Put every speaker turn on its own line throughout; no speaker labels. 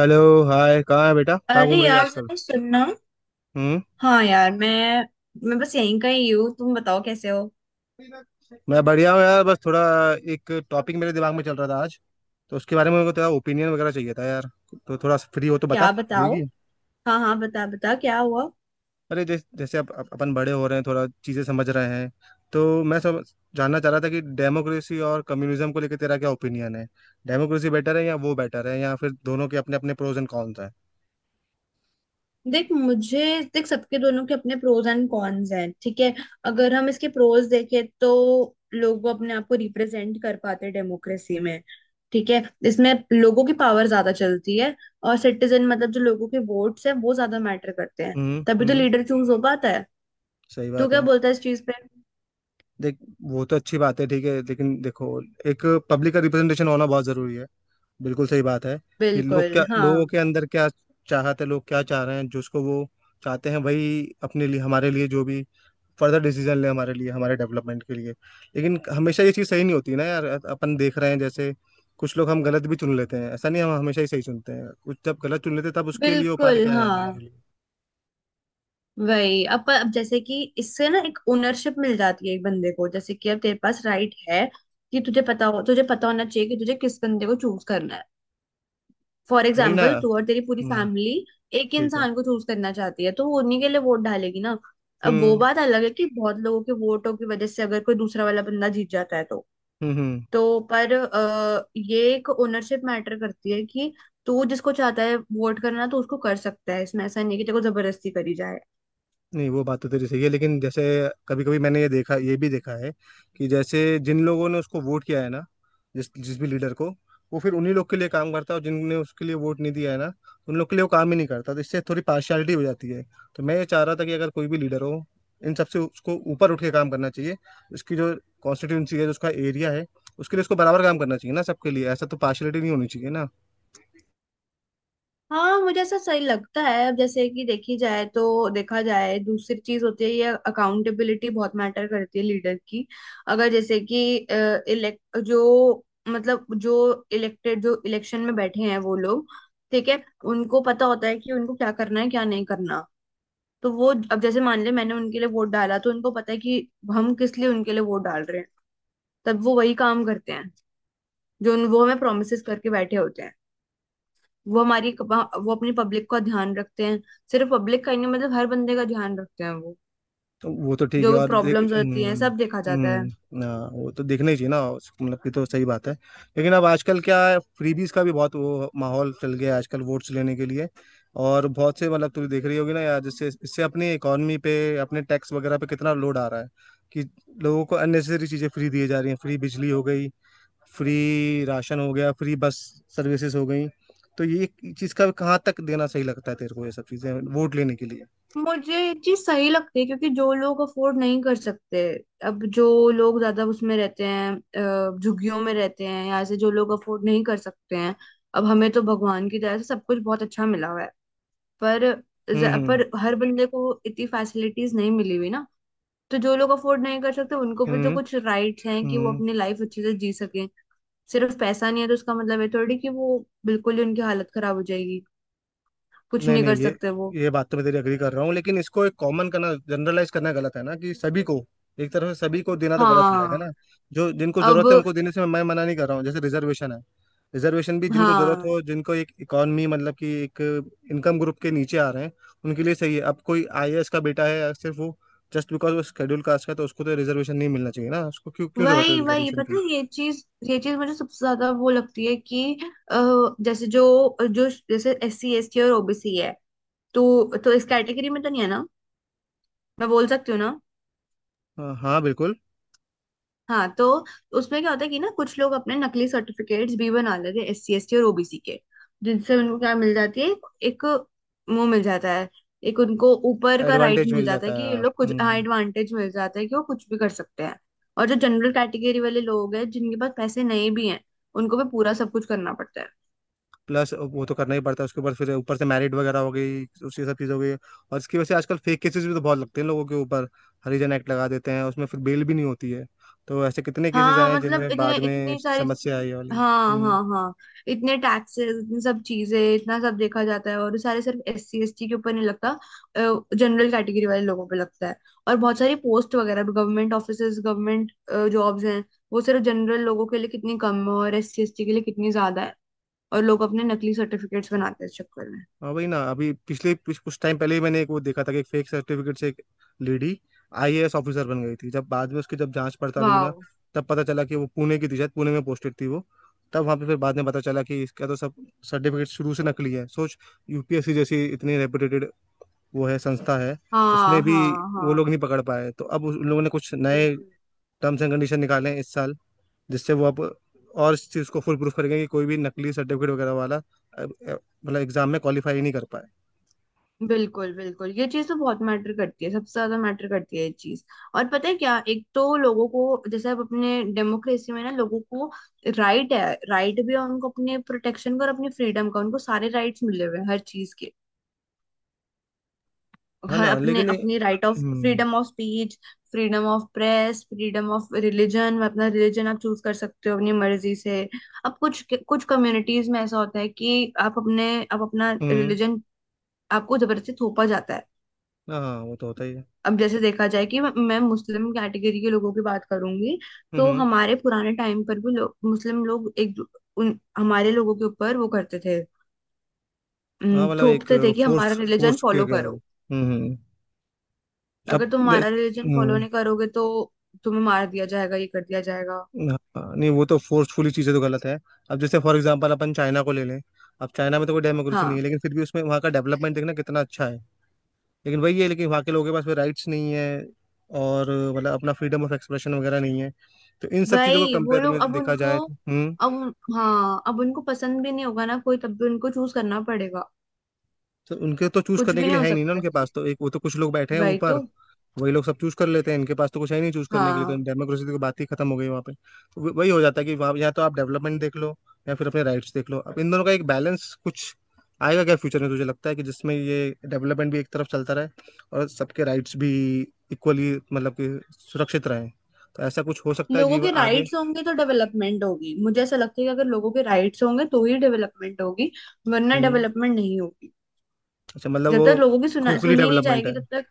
Hello hi. कहाँ है बेटा? कहाँ
अरे
घूम रही है
यार
आजकल?
जरा सुनना।
हम्म।
हाँ यार, मैं बस यहीं का ही हूँ। तुम बताओ कैसे हो?
मैं बढ़िया हूँ यार, बस थोड़ा एक टॉपिक मेरे दिमाग में चल रहा था आज। तो उसके बारे में मेरे को तेरा ओपिनियन वगैरह चाहिए था यार। तो थोड़ा फ्री हो तो बता
क्या बताओ।
देगी।
हाँ हाँ, बता बता क्या हुआ?
अरे जैसे जैसे अब अपन बड़े हो रहे हैं, थोड़ा चीज़ें समझ रहे हैं। तो मैं सब जानना चाह रहा था कि डेमोक्रेसी और कम्युनिज्म को लेकर तेरा क्या ओपिनियन है, डेमोक्रेसी बेटर है या वो बेटर है, या फिर दोनों के अपने अपने प्रोज एंड कॉन्स हैं?
देख मुझे देख, सबके दोनों के अपने प्रोज एंड कॉन्स हैं, ठीक है। अगर हम इसके प्रोज देखें तो लोग अपने आप को रिप्रेजेंट कर पाते डेमोक्रेसी में, ठीक है। इसमें लोगों की पावर ज्यादा चलती है और सिटीजन मतलब जो लोगों के वोट्स हैं वो ज्यादा मैटर करते हैं। तभी तो
हम्म।
लीडर चूज हो पाता है।
सही
तू
बात
क्या
है।
बोलता है इस चीज पे?
देख, वो तो अच्छी बात है, ठीक है, लेकिन देखो, एक पब्लिक का रिप्रेजेंटेशन होना बहुत जरूरी है। बिल्कुल सही बात है कि लोग
बिल्कुल
क्या,
हाँ।
लोगों के अंदर क्या चाहते हैं, लोग क्या चाह रहे हैं, जिसको वो चाहते हैं वही अपने लिए हमारे लिए जो भी फर्दर डिसीजन ले हमारे लिए हमारे डेवलपमेंट के लिए। लेकिन हमेशा ये चीज़ सही नहीं होती ना यार, अपन देख रहे हैं जैसे कुछ लोग हम गलत भी चुन लेते हैं, ऐसा नहीं हम हमेशा ही सही चुनते हैं। कुछ जब गलत चुन लेते हैं तब उसके लिए उपाय
बिल्कुल
क्या है हमारे
हाँ।
लिए?
वही अब जैसे कि इससे ना एक ओनरशिप मिल जाती है एक बंदे को, जैसे कि अब तेरे पास राइट है कि तुझे पता हो, तुझे पता होना चाहिए कि तुझे किस बंदे को चूज करना है। फॉर
वही ना।
एग्जाम्पल तू और तेरी पूरी
हम्म।
फैमिली एक
ठीक है।
इंसान को चूज करना चाहती है तो वो उन्हीं के लिए वोट डालेगी ना। अब वो
हम्म
बात अलग है कि बहुत लोगों के वोटों की वजह से अगर कोई दूसरा वाला बंदा जीत जाता है तो।
हम्म।
तो पर ये एक ओनरशिप मैटर करती है कि तू जिसको चाहता है वोट करना तो उसको कर सकता है। इसमें ऐसा नहीं है कि तेरे को जबरदस्ती करी जाए।
नहीं, वो बात तो तेरी सही है लेकिन जैसे कभी कभी मैंने ये देखा, ये भी देखा है, कि जैसे जिन लोगों ने उसको वोट किया है ना, जिस जिस भी लीडर को, वो फिर उन्हीं लोग के लिए काम करता है, और जिनने उसके लिए वोट नहीं दिया है ना उन लोग के लिए वो काम ही नहीं करता। तो इससे थोड़ी पार्शियलिटी हो जाती है। तो मैं ये चाह रहा था कि अगर कोई भी लीडर हो, इन सबसे उसको ऊपर उठ के काम करना चाहिए। उसकी जो कॉन्स्टिट्यूंसी है, जो उसका एरिया है, उसके लिए उसको बराबर काम करना चाहिए ना, सबके लिए। ऐसा तो पार्शियलिटी नहीं होनी चाहिए ना।
हाँ, मुझे ऐसा सही लगता है। अब जैसे कि देखी जाए तो देखा जाए, दूसरी चीज होती है ये अकाउंटेबिलिटी बहुत मैटर करती है लीडर की। अगर जैसे कि इलेक्ट जो मतलब जो इलेक्टेड जो इलेक्शन में बैठे हैं वो लोग, ठीक है। उनको पता होता है कि उनको क्या करना है क्या नहीं करना। तो वो, अब जैसे मान ले मैंने उनके लिए वोट डाला तो उनको पता है कि हम किस लिए उनके लिए वोट डाल रहे हैं। तब वो वही काम करते हैं वो हमें प्रोमिसेस करके बैठे होते हैं। वो अपनी पब्लिक का ध्यान रखते हैं, सिर्फ पब्लिक का ही नहीं मतलब हर बंदे का ध्यान रखते हैं वो।
तो वो तो ठीक
जो
है,
भी
और देख।
प्रॉब्लम्स होती हैं
हम्म।
सब देखा जाता है।
हाँ, वो तो देखना ही चाहिए ना। मतलब कि तो सही बात है। लेकिन अब आजकल क्या है, फ्रीबीज का भी बहुत वो माहौल चल गया है आजकल वोट्स लेने के लिए। और बहुत से, मतलब तुम देख रही होगी ना यार, जिससे इससे अपनी इकोनॉमी पे अपने टैक्स वगैरह पे कितना लोड आ रहा है, कि लोगों को अननेसेसरी चीजें फ्री दी जा रही हैं। फ्री बिजली हो गई, फ्री राशन हो गया, फ्री बस सर्विसेज हो गई। तो ये चीज का कहाँ तक देना सही लगता है तेरे को, ये सब चीजें वोट लेने के लिए?
मुझे ये चीज सही लगती है क्योंकि जो लोग अफोर्ड नहीं कर सकते, अब जो लोग ज्यादा उसमें रहते हैं, झुग्गियों में रहते हैं, या ऐसे जो लोग अफोर्ड नहीं कर सकते हैं। अब हमें तो भगवान की तरह से सब कुछ बहुत अच्छा मिला हुआ है पर
हम्म हम्म
पर हर बंदे को इतनी फैसिलिटीज नहीं मिली हुई ना। तो जो लोग अफोर्ड नहीं कर सकते उनको भी तो
हम्म
कुछ राइट्स हैं कि वो
हम्म।
अपनी लाइफ अच्छे से जी सकें। सिर्फ पैसा नहीं है तो उसका मतलब है थोड़ी कि वो बिल्कुल ही उनकी हालत खराब हो जाएगी, कुछ
नहीं
नहीं कर
नहीं, ये
सकते वो।
ये बात तो मैं तेरी एग्री कर रहा हूँ, लेकिन इसको एक कॉमन करना, जनरलाइज करना गलत है ना, कि सभी को एक तरह से सभी को देना तो गलत हो जाएगा
हाँ।
ना। जो जिनको जरूरत है उनको
अब।
देने से मैं मना नहीं कर रहा हूँ, जैसे रिजर्वेशन है। रिजर्वेशन भी जिनको जरूरत
हाँ,
हो, जिनको एक इकोनॉमी मतलब कि एक इनकम ग्रुप के नीचे आ रहे हैं, उनके लिए सही है। अब कोई आईएएस का बेटा है, या सिर्फ वो जस्ट बिकॉज वो शेड्यूल कास्ट का है, तो उसको तो रिजर्वेशन नहीं मिलना चाहिए ना, उसको क्यों क्यों जरूरत है
वही वही
रिजर्वेशन
पता
की?
है ये चीज। ये चीज मुझे सबसे ज्यादा वो लगती है कि अ, जैसे जो जो जैसे एस सी एस टी और ओबीसी है तो इस कैटेगरी में तो नहीं है ना, मैं बोल सकती हूँ ना।
हाँ हाँ, बिल्कुल।
हाँ तो उसमें क्या होता है कि ना कुछ लोग अपने नकली सर्टिफिकेट्स भी बना लेते हैं एस सी एस टी और ओबीसी के, जिनसे उनको क्या मिल जाती है। एक वो मिल जाता है, एक उनको ऊपर का राइट
एडवांटेज
मिल
मिल
जाता
जाता
है कि
है
ये
हाँ।
लोग कुछ,
हम्म
हाँ,
हम्म।
एडवांटेज मिल जाता है कि वो कुछ भी कर सकते हैं। और जो जनरल कैटेगरी वाले लोग हैं जिनके पास पैसे नहीं भी हैं उनको भी पूरा सब कुछ करना पड़ता है।
प्लस वो तो करना ही पड़ता है, उसके ऊपर फिर ऊपर से मैरिड वगैरह हो गई, उसकी सब चीज़ हो गई, और इसकी वजह से आजकल फेक केसेस भी तो बहुत लगते हैं लोगों के ऊपर। हरिजन एक्ट लगा देते हैं, उसमें फिर बेल भी नहीं होती है। तो ऐसे कितने केसेस
हाँ
आए हैं
मतलब
जिनमें
इतने,
बाद में
इतनी सारी,
समस्या आई है वाली।
हाँ
हम्म।
हाँ हाँ, इतने टैक्सेस, इतनी सब चीजें, इतना सब देखा जाता है और ये सारे सिर्फ एस सी एस टी के ऊपर नहीं लगता, जनरल कैटेगरी वाले लोगों पे लगता है। और बहुत सारी पोस्ट वगैरह भी, गवर्नमेंट ऑफिसेज, गवर्नमेंट जॉब्स हैं, वो सिर्फ जनरल लोगों के लिए कितनी कम है और एस सी एस टी के लिए कितनी ज्यादा है। और लोग अपने नकली सर्टिफिकेट्स बनाते हैं इस चक्कर में।
हाँ भाई ना, अभी पिछले कुछ कुछ टाइम पहले ही मैंने एक वो देखा था कि एक फेक सर्टिफिकेट से एक लेडी आईएएस ऑफिसर बन गई थी। जब बाद में उसकी जब जांच पड़ताल हुई ना,
वाह।
तब पता चला कि वो पुणे की थी, शायद पुणे में पोस्टेड थी वो। तब वहाँ पे फिर बाद में पता चला कि इसका तो सब सर्टिफिकेट शुरू से नकली है। सोच, यूपीएससी जैसी इतनी रेपुटेटेड वो है, संस्था है,
हाँ
उसमें भी
हाँ
वो लोग
हाँ।
नहीं पकड़ पाए। तो अब उन लोगों ने कुछ नए
बिल्कुल।
टर्म्स एंड कंडीशन निकाले हैं इस साल, जिससे वो अब और इस चीज़ को फुल प्रूफ करेंगे, कि कोई भी नकली सर्टिफिकेट वगैरह वाला मतलब एग्जाम में क्वालिफाई नहीं कर पाए।
बिल्कुल बिल्कुल, ये चीज तो बहुत मैटर करती है, सबसे ज्यादा मैटर करती है ये चीज। और पता है क्या, एक तो लोगों को जैसे अब अपने डेमोक्रेसी में ना लोगों को राइट है, राइट भी है उनको, अपने प्रोटेक्शन का और अपने फ्रीडम का, उनको सारे राइट्स मिले हुए हैं हर चीज के।
है
हर
ना,
अपने
लेकिन।
अपने राइट ऑफ
हम्म
freedom of speech, freedom of press, freedom of religion, अपना रिलीजन आप चूज कर सकते हो अपनी मर्जी से। अब कुछ कुछ कम्युनिटीज में ऐसा होता है कि आप अपने आप अपना
हम्म।
रिलीजन, आपको जबरदस्ती थोपा जाता है।
हाँ वो तो होता ही है।
अब जैसे देखा जाए, कि मैं मुस्लिम कैटेगरी के लोगों की बात करूंगी तो
हम्म।
हमारे पुराने टाइम पर भी मुस्लिम लोग उन हमारे लोगों के ऊपर वो करते थे,
हाँ मतलब एक
थोपते थे कि हमारा
फोर्स
रिलीजन
फोर्स किया
फॉलो
गया है।
करो।
हम्म। अब
अगर तुम हमारा
जैस-
रिलीजन फॉलो
हम्म।
नहीं करोगे तो तुम्हें मार दिया जाएगा, ये कर दिया जाएगा।
हाँ, नहीं वो तो फोर्सफुली चीज़ें तो गलत है। अब जैसे फॉर एग्जांपल अपन चाइना को ले लें। अब चाइना में तो कोई डेमोक्रेसी नहीं
हाँ,
है, लेकिन फिर भी उसमें वहाँ का डेवलपमेंट देखना कितना अच्छा है। लेकिन वही है, लेकिन वहाँ के लोगों के पास राइट्स नहीं है, और मतलब अपना फ्रीडम ऑफ एक्सप्रेशन वगैरह नहीं है। तो इन सब चीज़ों को
वही वो
कंपेयर
लोग।
में
अब
देखा
उनको
जाए तो। हम्म।
अब उन- हाँ, अब उनको पसंद भी नहीं होगा ना कोई, तब भी उनको चूज करना पड़ेगा,
तो उनके तो चूज
कुछ
करने
भी
के
नहीं
लिए
हो
है ही नहीं ना,
सकता इस
उनके पास
चीज।
तो एक, वो तो कुछ लोग बैठे हैं
वही
ऊपर,
तो।
वही लोग सब चूज कर लेते हैं, इनके पास तो कुछ है ही नहीं चूज करने के लिए। तो
हाँ,
डेमोक्रेसी की बात ही खत्म हो गई वहाँ पे। तो वही हो जाता है, कि वहाँ या तो आप डेवलपमेंट देख लो, या फिर अपने राइट्स देख लो। अब इन दोनों का एक बैलेंस कुछ आएगा क्या फ्यूचर में, तुझे लगता है, कि जिसमें ये डेवलपमेंट भी एक तरफ चलता रहे, और सबके राइट्स भी इक्वली मतलब कि सुरक्षित रहे? तो ऐसा कुछ हो सकता है
लोगों
जीवन
के
आगे?
राइट्स होंगे तो डेवलपमेंट होगी, मुझे ऐसा लगता है कि अगर लोगों के राइट्स होंगे तो ही डेवलपमेंट होगी, वरना
हम्म।
डेवलपमेंट नहीं होगी।
अच्छा मतलब
जब
वो
तक लोगों की सुना
खोखली
सुनी नहीं
डेवलपमेंट
जाएगी
है।
तब तक।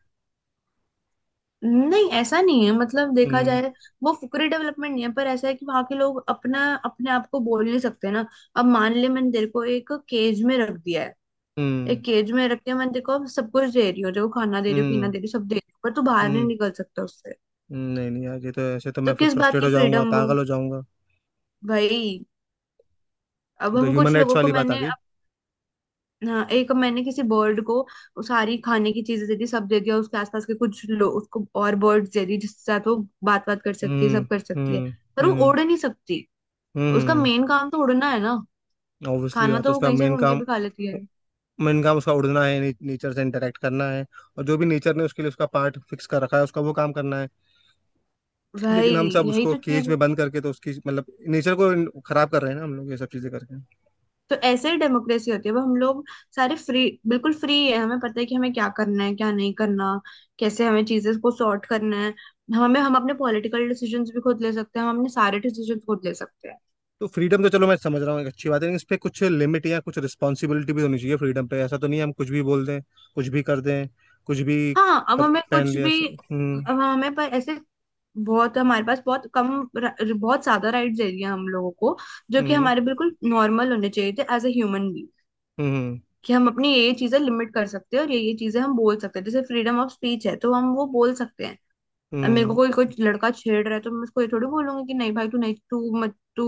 नहीं ऐसा नहीं है, मतलब देखा
हम्म
जाए वो फुकरे डेवलपमेंट नहीं है, पर ऐसा है कि वहां के लोग अपना अपने आप को बोल नहीं सकते ना। अब मान ले मैंने तेरे को एक केज में रख दिया है।
हम्म
एक केज में रख के मैंने तेरे को अब सब कुछ दे रही हूँ, देखो खाना दे रही हूँ, पीना
हम्म
दे रही हूँ, सब दे रही हूँ, पर तू बाहर नहीं
हम्म।
निकल सकता उससे।
नहीं नहीं यार, ये तो ऐसे तो मैं
तो
फिर
किस बात
फ्रस्ट्रेट
की
हो जाऊंगा,
फ्रीडम वो,
पागल हो जाऊंगा।
भाई? अब
ये तो
हम
ह्यूमन
कुछ
राइट्स
लोगों को
वाली बात आ
मैंने,
गई।
हाँ, एक मैंने किसी बर्ड को वो सारी खाने की चीजें दे दी, सब दे दिया, उसके आसपास के कुछ लोग उसको और बर्ड्स दे दी जिसके साथ वो बात बात कर सकती है,
हम्म
सब कर सकती है,
हम्म
पर वो
हम्म
उड़ नहीं सकती। उसका
हम्म।
मेन काम तो उड़ना है ना,
ऑब्वियसली
खाना
बात है
तो वो
उसका
कहीं से
मेन
ढूंढ के
काम।
भी खा लेती है
मेन काम उसका उड़ना है ने, नेचर से इंटरेक्ट करना है, और जो भी नेचर ने उसके लिए उसका पार्ट फिक्स कर रखा है उसका वो काम करना है।
भाई।
लेकिन हम सब
यही
उसको
तो चीज
केज में
होती
बंद
है।
करके तो उसकी मतलब नेचर को खराब कर रहे हैं ना हम लोग ये सब चीजें करके।
तो ऐसे ही डेमोक्रेसी होती है, वो हम लोग सारे फ्री, बिल्कुल फ्री है, हमें पता है कि हमें क्या करना है क्या नहीं करना, कैसे हमें चीजें को सॉर्ट करना है, हमें, हम अपने पॉलिटिकल डिसीजंस भी खुद ले सकते हैं, हम अपने सारे डिसीजंस खुद ले सकते हैं।
तो फ्रीडम तो, चलो मैं समझ रहा हूँ एक अच्छी बात है, लेकिन इस पे कुछ लिमिट या कुछ रिस्पॉन्सिबिलिटी भी होनी चाहिए फ्रीडम पे। ऐसा तो नहीं है हम कुछ भी बोल दें, कुछ भी कर दें, कुछ भी
हाँ, अब हमें
पहन
कुछ
लिया ऐसे।
भी। अब हमें, पर ऐसे बहुत हमारे पास बहुत कम र- बहुत ज्यादा राइट्स दे दिए हम लोगों को, जो कि
हम्म
हमारे बिल्कुल नॉर्मल होने चाहिए थे एज ए ह्यूमन बींग।
हम्म
कि हम अपनी ये चीजें लिमिट कर सकते हैं, और ये चीजें हम बोल सकते हैं, जैसे फ्रीडम ऑफ स्पीच है तो हम वो बोल सकते हैं। अब मेरे को
हम्म।
कोई कोई लड़का छेड़ रहा है तो मैं उसको ये थोड़ी बोलूंगी कि नहीं भाई तू नहीं तू मत तू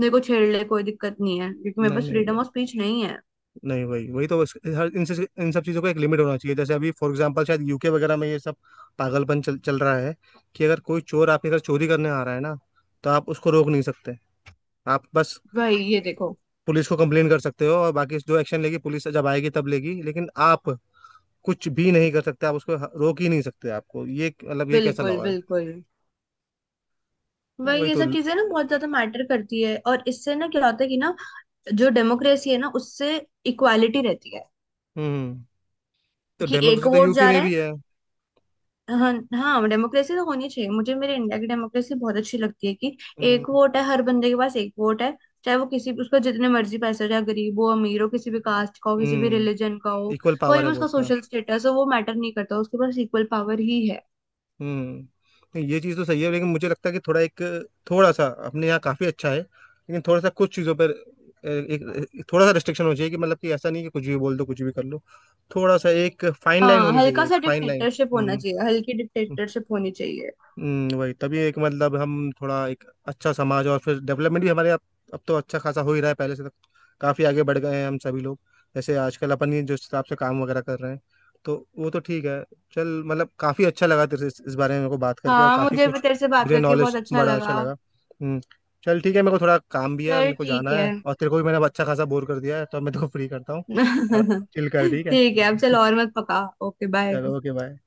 मेरे को छेड़ ले, कोई दिक्कत नहीं है, क्योंकि मेरे
नहीं
पास
नहीं
फ्रीडम ऑफ स्पीच नहीं है।
नहीं, वही वही तो बस, हर इन से इन सब चीज़ों का एक लिमिट होना चाहिए, जैसे अभी फॉर एग्जांपल शायद यूके वगैरह में ये सब पागलपन चल चल रहा है। कि अगर कोई चोर आपके घर चोरी करने आ रहा है ना, तो आप उसको रोक नहीं सकते। आप बस
भाई ये देखो।
पुलिस को कंप्लेन कर सकते हो, और बाकी जो एक्शन लेगी पुलिस जब आएगी तब लेगी, लेकिन आप कुछ भी नहीं कर सकते, आप उसको रोक ही नहीं सकते। आपको ये मतलब ये कैसा
बिल्कुल
लॉ है?
बिल्कुल। वही,
वही
ये
तो।
सब चीजें ना बहुत ज्यादा मैटर करती है, और इससे ना क्या होता है कि ना, जो डेमोक्रेसी है ना उससे इक्वालिटी रहती है
हम्म। तो
कि एक
डेमोक्रेसी तो
वोट
यूके
जा
में
रहा है।
भी है।
हाँ हाँ, डेमोक्रेसी तो होनी चाहिए, मुझे मेरे इंडिया की डेमोक्रेसी बहुत अच्छी लगती है कि
हम्म
एक वोट है, हर बंदे के पास एक वोट है। चाहे वो, किसी उसका जितने मर्जी पैसे हो, चाहे गरीब हो अमीर हो, किसी भी कास्ट का हो, किसी भी
हम्म।
रिलीजन का हो,
इक्वल
कोई
पावर है
भी उसका
वोट का।
सोशल स्टेटस हो, वो मैटर नहीं करता, उसके पास इक्वल पावर ही है।
हम्म। नहीं, ये चीज़ तो सही है, लेकिन मुझे लगता है कि थोड़ा एक, थोड़ा सा अपने यहाँ काफ़ी अच्छा है, लेकिन थोड़ा सा कुछ चीज़ों पर एक एक थोड़ा सा रिस्ट्रिक्शन होना चाहिए, कि मतलब कि ऐसा नहीं कि कुछ भी बोल दो, कुछ भी कर लो। थोड़ा सा एक फाइन लाइन
हाँ,
होनी
हल्का
चाहिए, एक
सा
फाइन लाइन।
डिक्टेटरशिप होना चाहिए, हल्की डिक्टेटरशिप होनी चाहिए।
वही तभी एक मतलब हम थोड़ा एक अच्छा समाज और फिर डेवलपमेंट भी हमारे अब। अब तो अच्छा खासा हो ही रहा है पहले से तो, काफ़ी आगे बढ़ गए हैं हम सभी लोग। जैसे आजकल अपन ये जो हिसाब से काम वगैरह कर रहे हैं, तो वो तो ठीक है। चल मतलब काफ़ी अच्छा लगा तेरे से इस बारे में मेरे को बात करके, और
हाँ
काफ़ी
मुझे भी
कुछ
तेरे से बात
मुझे
करके बहुत
नॉलेज
अच्छा
बड़ा अच्छा
लगा।
लगा। हम्म। चल ठीक है, मेरे को थोड़ा काम भी है,
चल
मेरे को जाना
ठीक है।
है, और तेरे को भी मैंने अब अच्छा खासा बोर कर दिया है, तो अब मैं तेरे को फ्री करता हूँ। आराम चिल कर, ठीक है
ठीक है, अब चल
Bye.
और मत पका। Okay bye.
चलो ओके बाय।